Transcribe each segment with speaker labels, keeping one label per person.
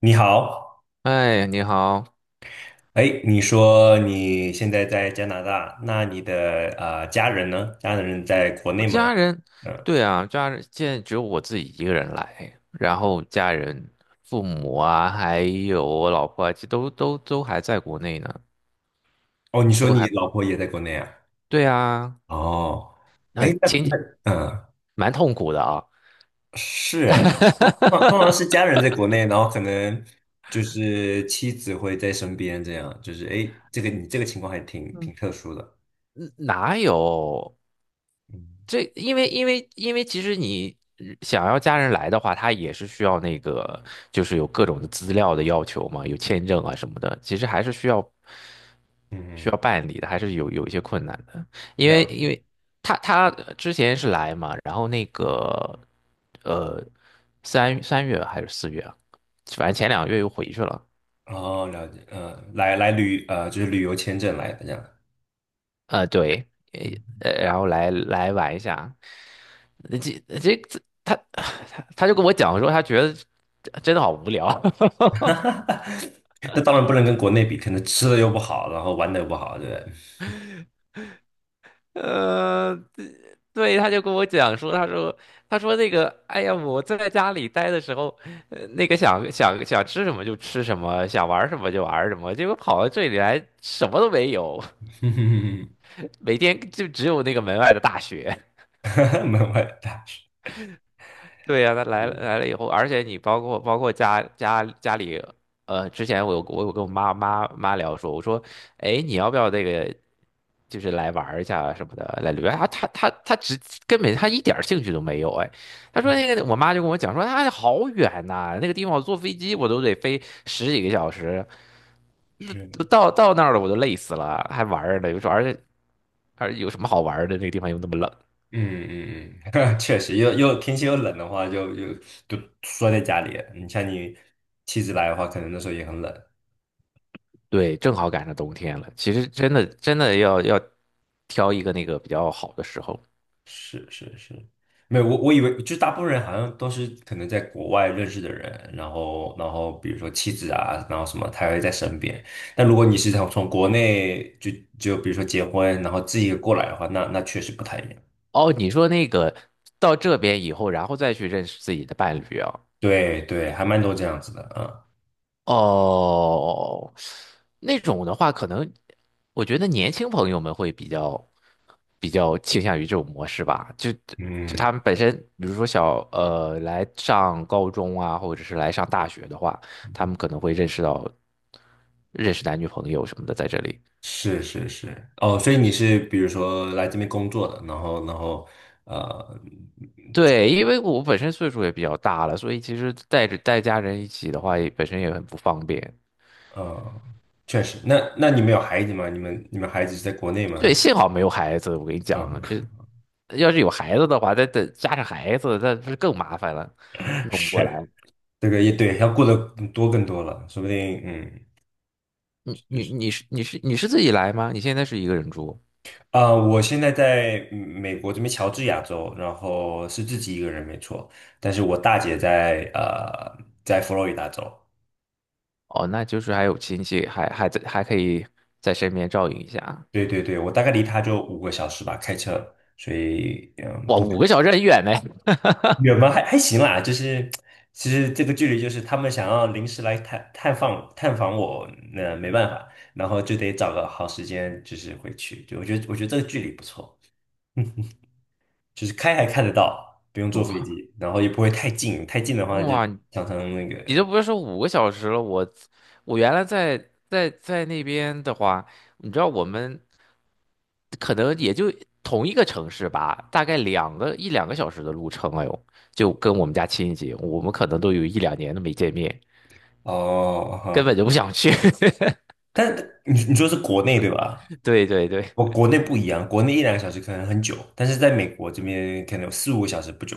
Speaker 1: 你好，
Speaker 2: 哎，你好。
Speaker 1: 哎，你说你现在在加拿大，那你的家人呢？家人在国
Speaker 2: 我
Speaker 1: 内吗？
Speaker 2: 家人，
Speaker 1: 嗯，
Speaker 2: 对啊，家人现在只有我自己一个人来，然后家人、父母啊，还有我老婆啊，这都还在国内呢，
Speaker 1: 哦，你说
Speaker 2: 都
Speaker 1: 你
Speaker 2: 还，
Speaker 1: 老婆也在国内啊？
Speaker 2: 对啊，
Speaker 1: 哦，哎，
Speaker 2: 很
Speaker 1: 那
Speaker 2: 挺
Speaker 1: 嗯，
Speaker 2: 蛮痛苦的啊。
Speaker 1: 是，通常是家人在国内，然后可能就是妻子会在身边，这样就是哎，这个你这个情况还挺
Speaker 2: 嗯，
Speaker 1: 挺特殊的，
Speaker 2: 嗯哪有？
Speaker 1: 嗯
Speaker 2: 这因为其实你想要家人来的话，他也是需要那个，就是有各种的资料的要求嘛，有签证啊什么的，其实还是需要
Speaker 1: 嗯，
Speaker 2: 需
Speaker 1: 嗯，
Speaker 2: 要办理的，还是有一些困难的。因
Speaker 1: 了
Speaker 2: 为
Speaker 1: 解，
Speaker 2: 因为他之前是来嘛，然后那个呃三月还是四月啊反正前两个月又回去了。
Speaker 1: 哦，了解，嗯，来就是旅游签证来的这样，
Speaker 2: 呃，对，
Speaker 1: 嗯
Speaker 2: 呃，然后来玩一下，这他他就跟我讲说，他觉得真的好无聊。
Speaker 1: 哈哈，那当然不能跟国内比，可能吃的又不好，然后玩的又不好，对不对？
Speaker 2: 呃，对，他就跟我讲说，他说那个，哎呀，我在家里待的时候，那个想吃什么就吃什么，想玩什么就玩什么，结果跑到这里来什么都没有，每天就只有那个门外的大雪。
Speaker 1: 门外大叔。
Speaker 2: 对呀、他来了来
Speaker 1: 嗯，
Speaker 2: 了以后，而且你包括家里，呃，之前我有跟我妈妈聊说，我说，哎，你要不要这个就是来玩儿一下什么的，来旅游？啊，他根本他一点儿兴趣都没有。哎，他说那个我妈就跟我讲说，啊，好远呐、那个地方我坐飞机我都得飞十几个小时，
Speaker 1: 是的，
Speaker 2: 都
Speaker 1: 嗯
Speaker 2: 到那儿了我都累死了，还玩儿呢，有时候而且有什么好玩儿的？那个地方又那么冷。
Speaker 1: 嗯嗯，确实，又天气又冷的话，就缩在家里你像你妻子来的话，可能那时候也很冷。
Speaker 2: 对，正好赶上冬天了。其实真的要挑一个那个比较好的时候。
Speaker 1: 是是是，没有我以为就是大部分人好像都是可能在国外认识的人，然后比如说妻子啊，然后什么他会在身边。但如果你是从国内就比如说结婚，然后自己过来的话，那确实不太一样。
Speaker 2: 哦，你说那个到这边以后，然后再去认识自己的伴侣啊？
Speaker 1: 对对，还蛮多这样子的啊。
Speaker 2: 哦，那种的话，可能我觉得年轻朋友们会比较倾向于这种模式吧。就他
Speaker 1: 嗯，
Speaker 2: 们本身，比如说来上高中啊，或者是来上大学的话，他们可能会认识男女朋友什么的在这里。
Speaker 1: 是是是，哦，所以你是比如说来这边工作的，然后呃
Speaker 2: 对，因为我本身岁数也比较大了，所以其实带家人一起的话，也本身也很不方便。
Speaker 1: 呃，确实，那你们有孩子吗？你们孩子是在国内吗？
Speaker 2: 对，幸好没有孩子，我跟你
Speaker 1: 嗯，
Speaker 2: 讲，这要是有孩子的话，再加上孩子，那不是更麻烦了，弄不过来。
Speaker 1: 是。这个也对，要过得更多更多了，说不定嗯，
Speaker 2: 你
Speaker 1: 就
Speaker 2: 你
Speaker 1: 是
Speaker 2: 你是你是你是自己来吗？你现在是一个人住？
Speaker 1: 啊、我现在在美国这边乔治亚州，然后是自己一个人没错，但是我大姐在佛罗里达州，
Speaker 2: 哦，那就是还有亲戚，还可以在身边照应一下。
Speaker 1: 对对对，我大概离她就五个小时吧，开车，所以
Speaker 2: 哇，
Speaker 1: 不
Speaker 2: 五个小时很远呢。
Speaker 1: 远吗？还行啦，就是其实这个距离就是他们想要临时来探访我，那、没办法，然后就得找个好时间就是回去，就我觉得这个距离不错。就是开还看得到，不用坐
Speaker 2: 我
Speaker 1: 飞
Speaker 2: 靠，
Speaker 1: 机，然后也不会太近，太近的话就
Speaker 2: 哇，
Speaker 1: 常常那
Speaker 2: 你就
Speaker 1: 个
Speaker 2: 不是说五个小时了。我原来在那边的话，你知道我们可能也就同一个城市吧，大概两个小时的路程哎呦，就跟我们家亲戚，我们可能都有一两年都没见面，
Speaker 1: 哦
Speaker 2: 根
Speaker 1: 哈。
Speaker 2: 本就不想去。
Speaker 1: 但你说是国内对吧？
Speaker 2: 对对对。
Speaker 1: 我国内不一样，国内一两个小时可能很久，但是在美国这边可能有4、5个小时不久。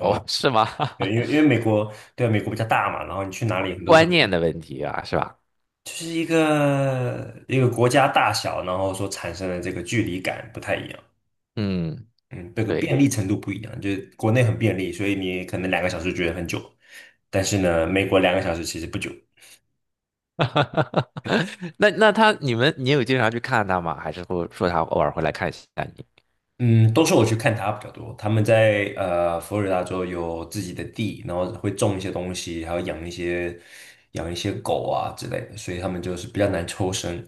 Speaker 2: 哦，是吗？
Speaker 1: 对，因为美国对啊美国比较大嘛，然后你去哪里很 多时候
Speaker 2: 观念的问题啊，是吧？
Speaker 1: 就是一个国家大小，然后所产生的这个距离感不太一样。
Speaker 2: 嗯，
Speaker 1: 嗯，这个
Speaker 2: 对。
Speaker 1: 便利程度不一样，就是国内很便利，所以你可能两个小时觉得很久，但是呢，美国两个小时其实不久。对，
Speaker 2: 那那他，你们，你有经常去看他吗？还是说他偶尔会来看一下你？
Speaker 1: 嗯，都是我去看他比较多，他们在佛罗里达州有自己的地，然后会种一些东西，还有养一些狗啊之类的，所以他们就是比较难抽身，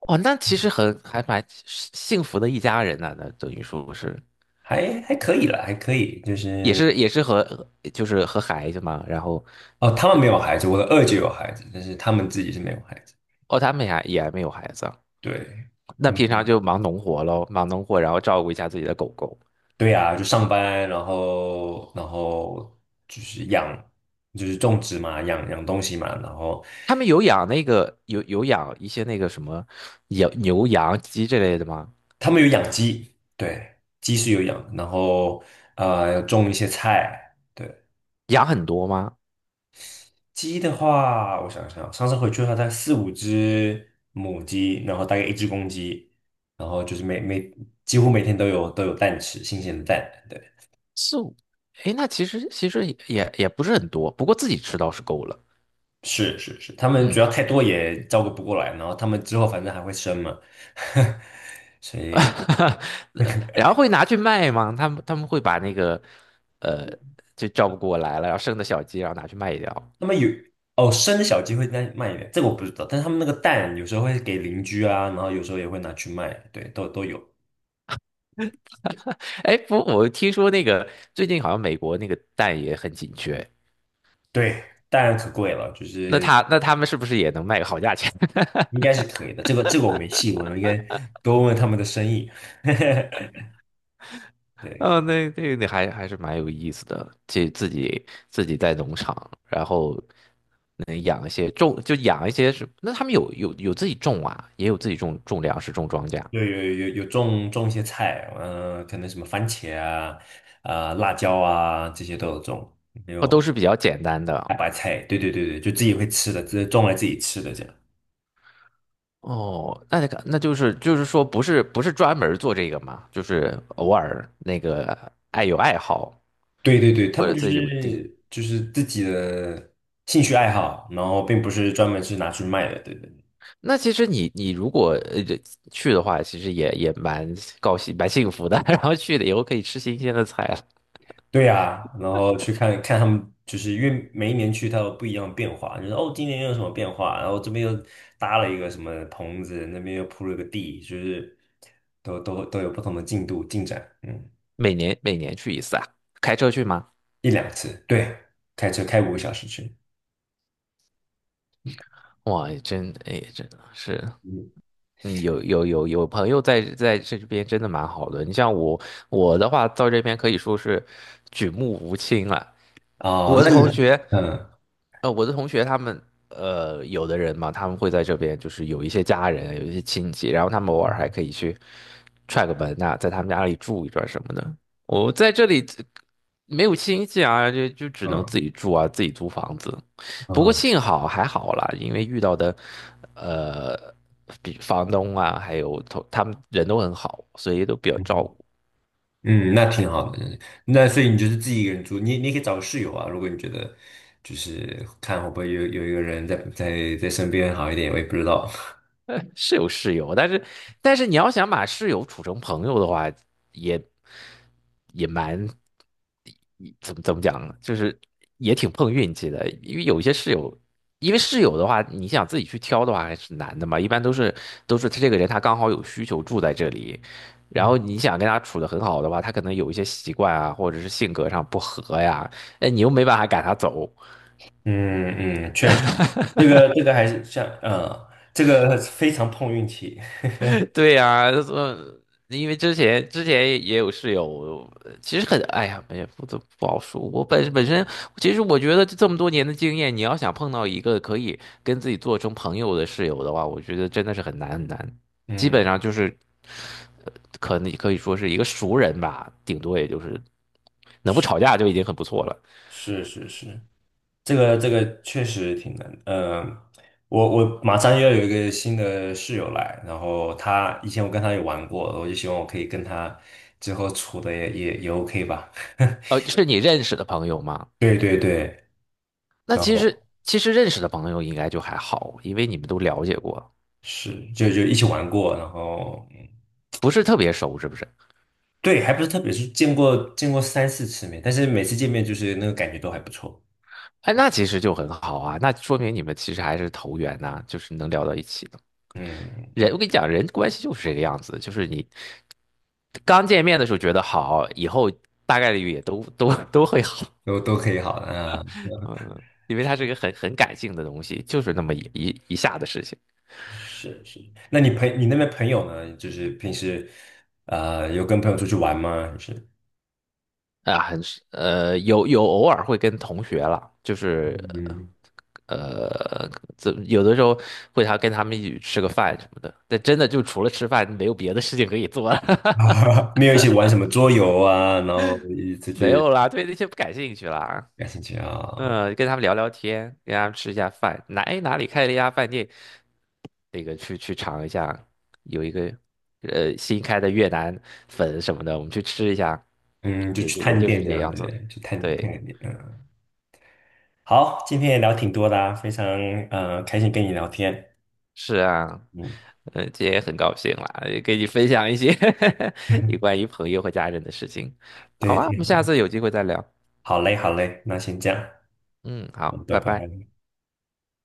Speaker 2: 哦，那其实很还蛮幸福的一家人呢。那等于说是
Speaker 1: 还可以啦，还可以，就
Speaker 2: 也
Speaker 1: 是
Speaker 2: 是也是和就是和孩子嘛，然后
Speaker 1: 哦，他们没有孩子，我的二姐有孩子，但是他们自己是没有孩子，
Speaker 2: 哦，他们也还没有孩子啊。
Speaker 1: 对。
Speaker 2: 那
Speaker 1: 他
Speaker 2: 平
Speaker 1: 们。
Speaker 2: 常就忙农活喽，忙农活，然后照顾一下自己的狗狗。
Speaker 1: 对呀，就上班，然后就是养，就是种植嘛，养东西嘛，然后
Speaker 2: 他们有养那个有养一些那个什么养牛羊鸡这类的吗？
Speaker 1: 他们有养鸡，对，鸡是有养，然后种一些菜，对，
Speaker 2: 养很多吗？
Speaker 1: 鸡的话，我想想，上次回去的话，大概4、5只母鸡，然后大概一只公鸡，然后就是几乎每天都有蛋吃，新鲜的蛋，对，
Speaker 2: 四五，哎，那其实也也不是很多，不过自己吃倒是够了。
Speaker 1: 是是是，他们主
Speaker 2: 嗯。
Speaker 1: 要太多也照顾不过来，然后他们之后反正还会生嘛。所以
Speaker 2: 然后会拿去卖吗？他们会把那个，呃，就照不过来了，然后生的小鸡，然后拿去卖掉。
Speaker 1: 那么有哦，生的小鸡会再卖一点，这个我不知道。但是他们那个蛋有时候会给邻居啊，然后有时候也会拿去卖，对，都有。
Speaker 2: 哎，不，我听说那个最近好像美国那个蛋也很紧缺，
Speaker 1: 对，当然可贵了，就
Speaker 2: 那
Speaker 1: 是
Speaker 2: 他们是不是也能卖个好价钱？
Speaker 1: 应该是可以的。这个我没细问，我应该多问问他们的生意。对，
Speaker 2: 哦，那还还是蛮有意思的，就自己在农场，然后能养一些种，就养一些什那他们有自己种啊，也有自己种种粮食、种庄稼。
Speaker 1: 有种一些菜，嗯、可能什么番茄啊、啊、辣椒啊这些都有种，还
Speaker 2: 哦，都
Speaker 1: 有
Speaker 2: 是比较简单
Speaker 1: 大
Speaker 2: 的。
Speaker 1: 白菜，对对对对，就自己会吃的，自己种来自己吃的这样。
Speaker 2: 哦，那那个，那就是就是说，不是专门做这个嘛，就是偶尔那个爱好
Speaker 1: 对对对，他
Speaker 2: 或
Speaker 1: 们
Speaker 2: 者
Speaker 1: 就
Speaker 2: 自己有地。
Speaker 1: 是就是自己的兴趣爱好，然后并不是专门是拿去卖的，对对
Speaker 2: 那其实你你如果去的话，其实也蛮高兴蛮幸福的。然后去了以后可以吃新鲜的菜了。
Speaker 1: 对呀、然后去看看他们，就是因为每一年去它有不一样的变化，就是哦，今年又有什么变化，然后这边又搭了一个什么棚子，那边又铺了个地，就是都有不同的进度进展，嗯，
Speaker 2: 每年去一次啊？开车去吗？
Speaker 1: 一两次，对，开车开五个小时去，
Speaker 2: 哇，真的是。
Speaker 1: 嗯，
Speaker 2: 嗯，有朋友在这边真的蛮好的。你像我我的话，到这边可以说是举目无亲了。
Speaker 1: 哦，
Speaker 2: 我的
Speaker 1: 那你，
Speaker 2: 同学。
Speaker 1: 嗯
Speaker 2: 呃，我的同学他们，呃，有的人嘛，他们会在这边，就是有一些家人，有一些亲戚，然后他们偶尔还可以去踹个门呐、在他们家里住一段什么的。我在这里这没有亲戚啊，就只能
Speaker 1: 嗯
Speaker 2: 自己住啊，自己租房子。不过
Speaker 1: 嗯
Speaker 2: 幸好还好啦，因为遇到的，呃，比房东啊，还有同他们人都很好，所以都比较照
Speaker 1: 嗯。
Speaker 2: 顾。
Speaker 1: 嗯，那挺好的。那所以你就是自己一个人住，你也可以找个室友啊。如果你觉得就是看会不会有一个人在身边好一点，我也不知道。
Speaker 2: 是有室友，但是但是你要想把室友处成朋友的话，也也蛮怎么讲呢，就是也挺碰运气的，因为有一些室友，因为室友的话，你想自己去挑的话还是难的嘛。一般都是他这个人他刚好有需求住在这里，然
Speaker 1: 嗯，
Speaker 2: 后你想跟他处得很好的话，他可能有一些习惯啊，或者是性格上不合呀。哎，你又没办法赶他走。
Speaker 1: 嗯嗯，确实，这个还是像这个非常碰运气。
Speaker 2: 对呀、呃因为之前也有室友，其实很，哎呀，也不好说。我本身，其实我觉得这么多年的经验，你要想碰到一个可以跟自己做成朋友的室友的话，我觉得真的是很难。基
Speaker 1: 嗯，
Speaker 2: 本上就是，呃可能可以说是一个熟人吧，顶多也就是能不吵架就已经很不错了。
Speaker 1: 是是是，这个确实挺难。嗯，我马上又要有一个新的室友来，然后他以前我跟他也玩过，我就希望我可以跟他之后处的也 OK 吧。
Speaker 2: 呃，是你认识的朋友吗？
Speaker 1: 对对对，
Speaker 2: 那
Speaker 1: 然
Speaker 2: 其实
Speaker 1: 后
Speaker 2: 其实认识的朋友应该就还好，因为你们都了解过，
Speaker 1: 是就一起玩过，然后
Speaker 2: 不是特别熟，是不是？
Speaker 1: 对，还不是特别是见过3、4次面，但是每次见面就是那个感觉都还不错，
Speaker 2: 哎，那其实就很好啊，那说明你们其实还是投缘呐、就是能聊到一起的。人，
Speaker 1: 嗯，
Speaker 2: 我跟你讲，人关系就是这个样子，就是你刚见面的时候觉得好，以后大概率也都会好。
Speaker 1: 都可以好的，啊，
Speaker 2: 嗯，因为它是一个很感性的东西，就是那么一下的事情
Speaker 1: 是是。那你那边朋友呢？就是平时有跟朋友出去玩吗？还是
Speaker 2: 啊，很是呃，有偶尔会跟同学了，就是
Speaker 1: 嗯，
Speaker 2: 呃，有的时候会他跟他们一起吃个饭什么的，但真的就除了吃饭没有别的事情可以做了。
Speaker 1: 没有一起玩什么桌游啊，然后一起出
Speaker 2: 没
Speaker 1: 去
Speaker 2: 有啦，对那些不感兴趣啦。啊
Speaker 1: 感兴趣啊，
Speaker 2: 嗯，跟他们聊聊天，跟他们吃一下饭，哪哎哪里开了一家饭店，那个去去尝一下，有一个呃新开的越南粉什么的，我们去吃一下，
Speaker 1: 嗯，就
Speaker 2: 也
Speaker 1: 去
Speaker 2: 就也
Speaker 1: 探
Speaker 2: 就是
Speaker 1: 店
Speaker 2: 这
Speaker 1: 这
Speaker 2: 个
Speaker 1: 样，
Speaker 2: 样子。
Speaker 1: 对，去探探
Speaker 2: 对，
Speaker 1: 个店，嗯，好，今天也聊挺多的啊，非常开心跟你聊天。
Speaker 2: 是啊。
Speaker 1: 嗯，
Speaker 2: 嗯，今天也很高兴啦，也跟你分享一些 有关 于朋友和家人的事情。好
Speaker 1: 对，
Speaker 2: 啊，我
Speaker 1: 挺
Speaker 2: 们
Speaker 1: 好
Speaker 2: 下
Speaker 1: 的。
Speaker 2: 次有机会再聊。
Speaker 1: 好嘞，好嘞，那先这样，
Speaker 2: 嗯，
Speaker 1: 嗯，
Speaker 2: 好，
Speaker 1: 拜
Speaker 2: 拜拜。
Speaker 1: 拜。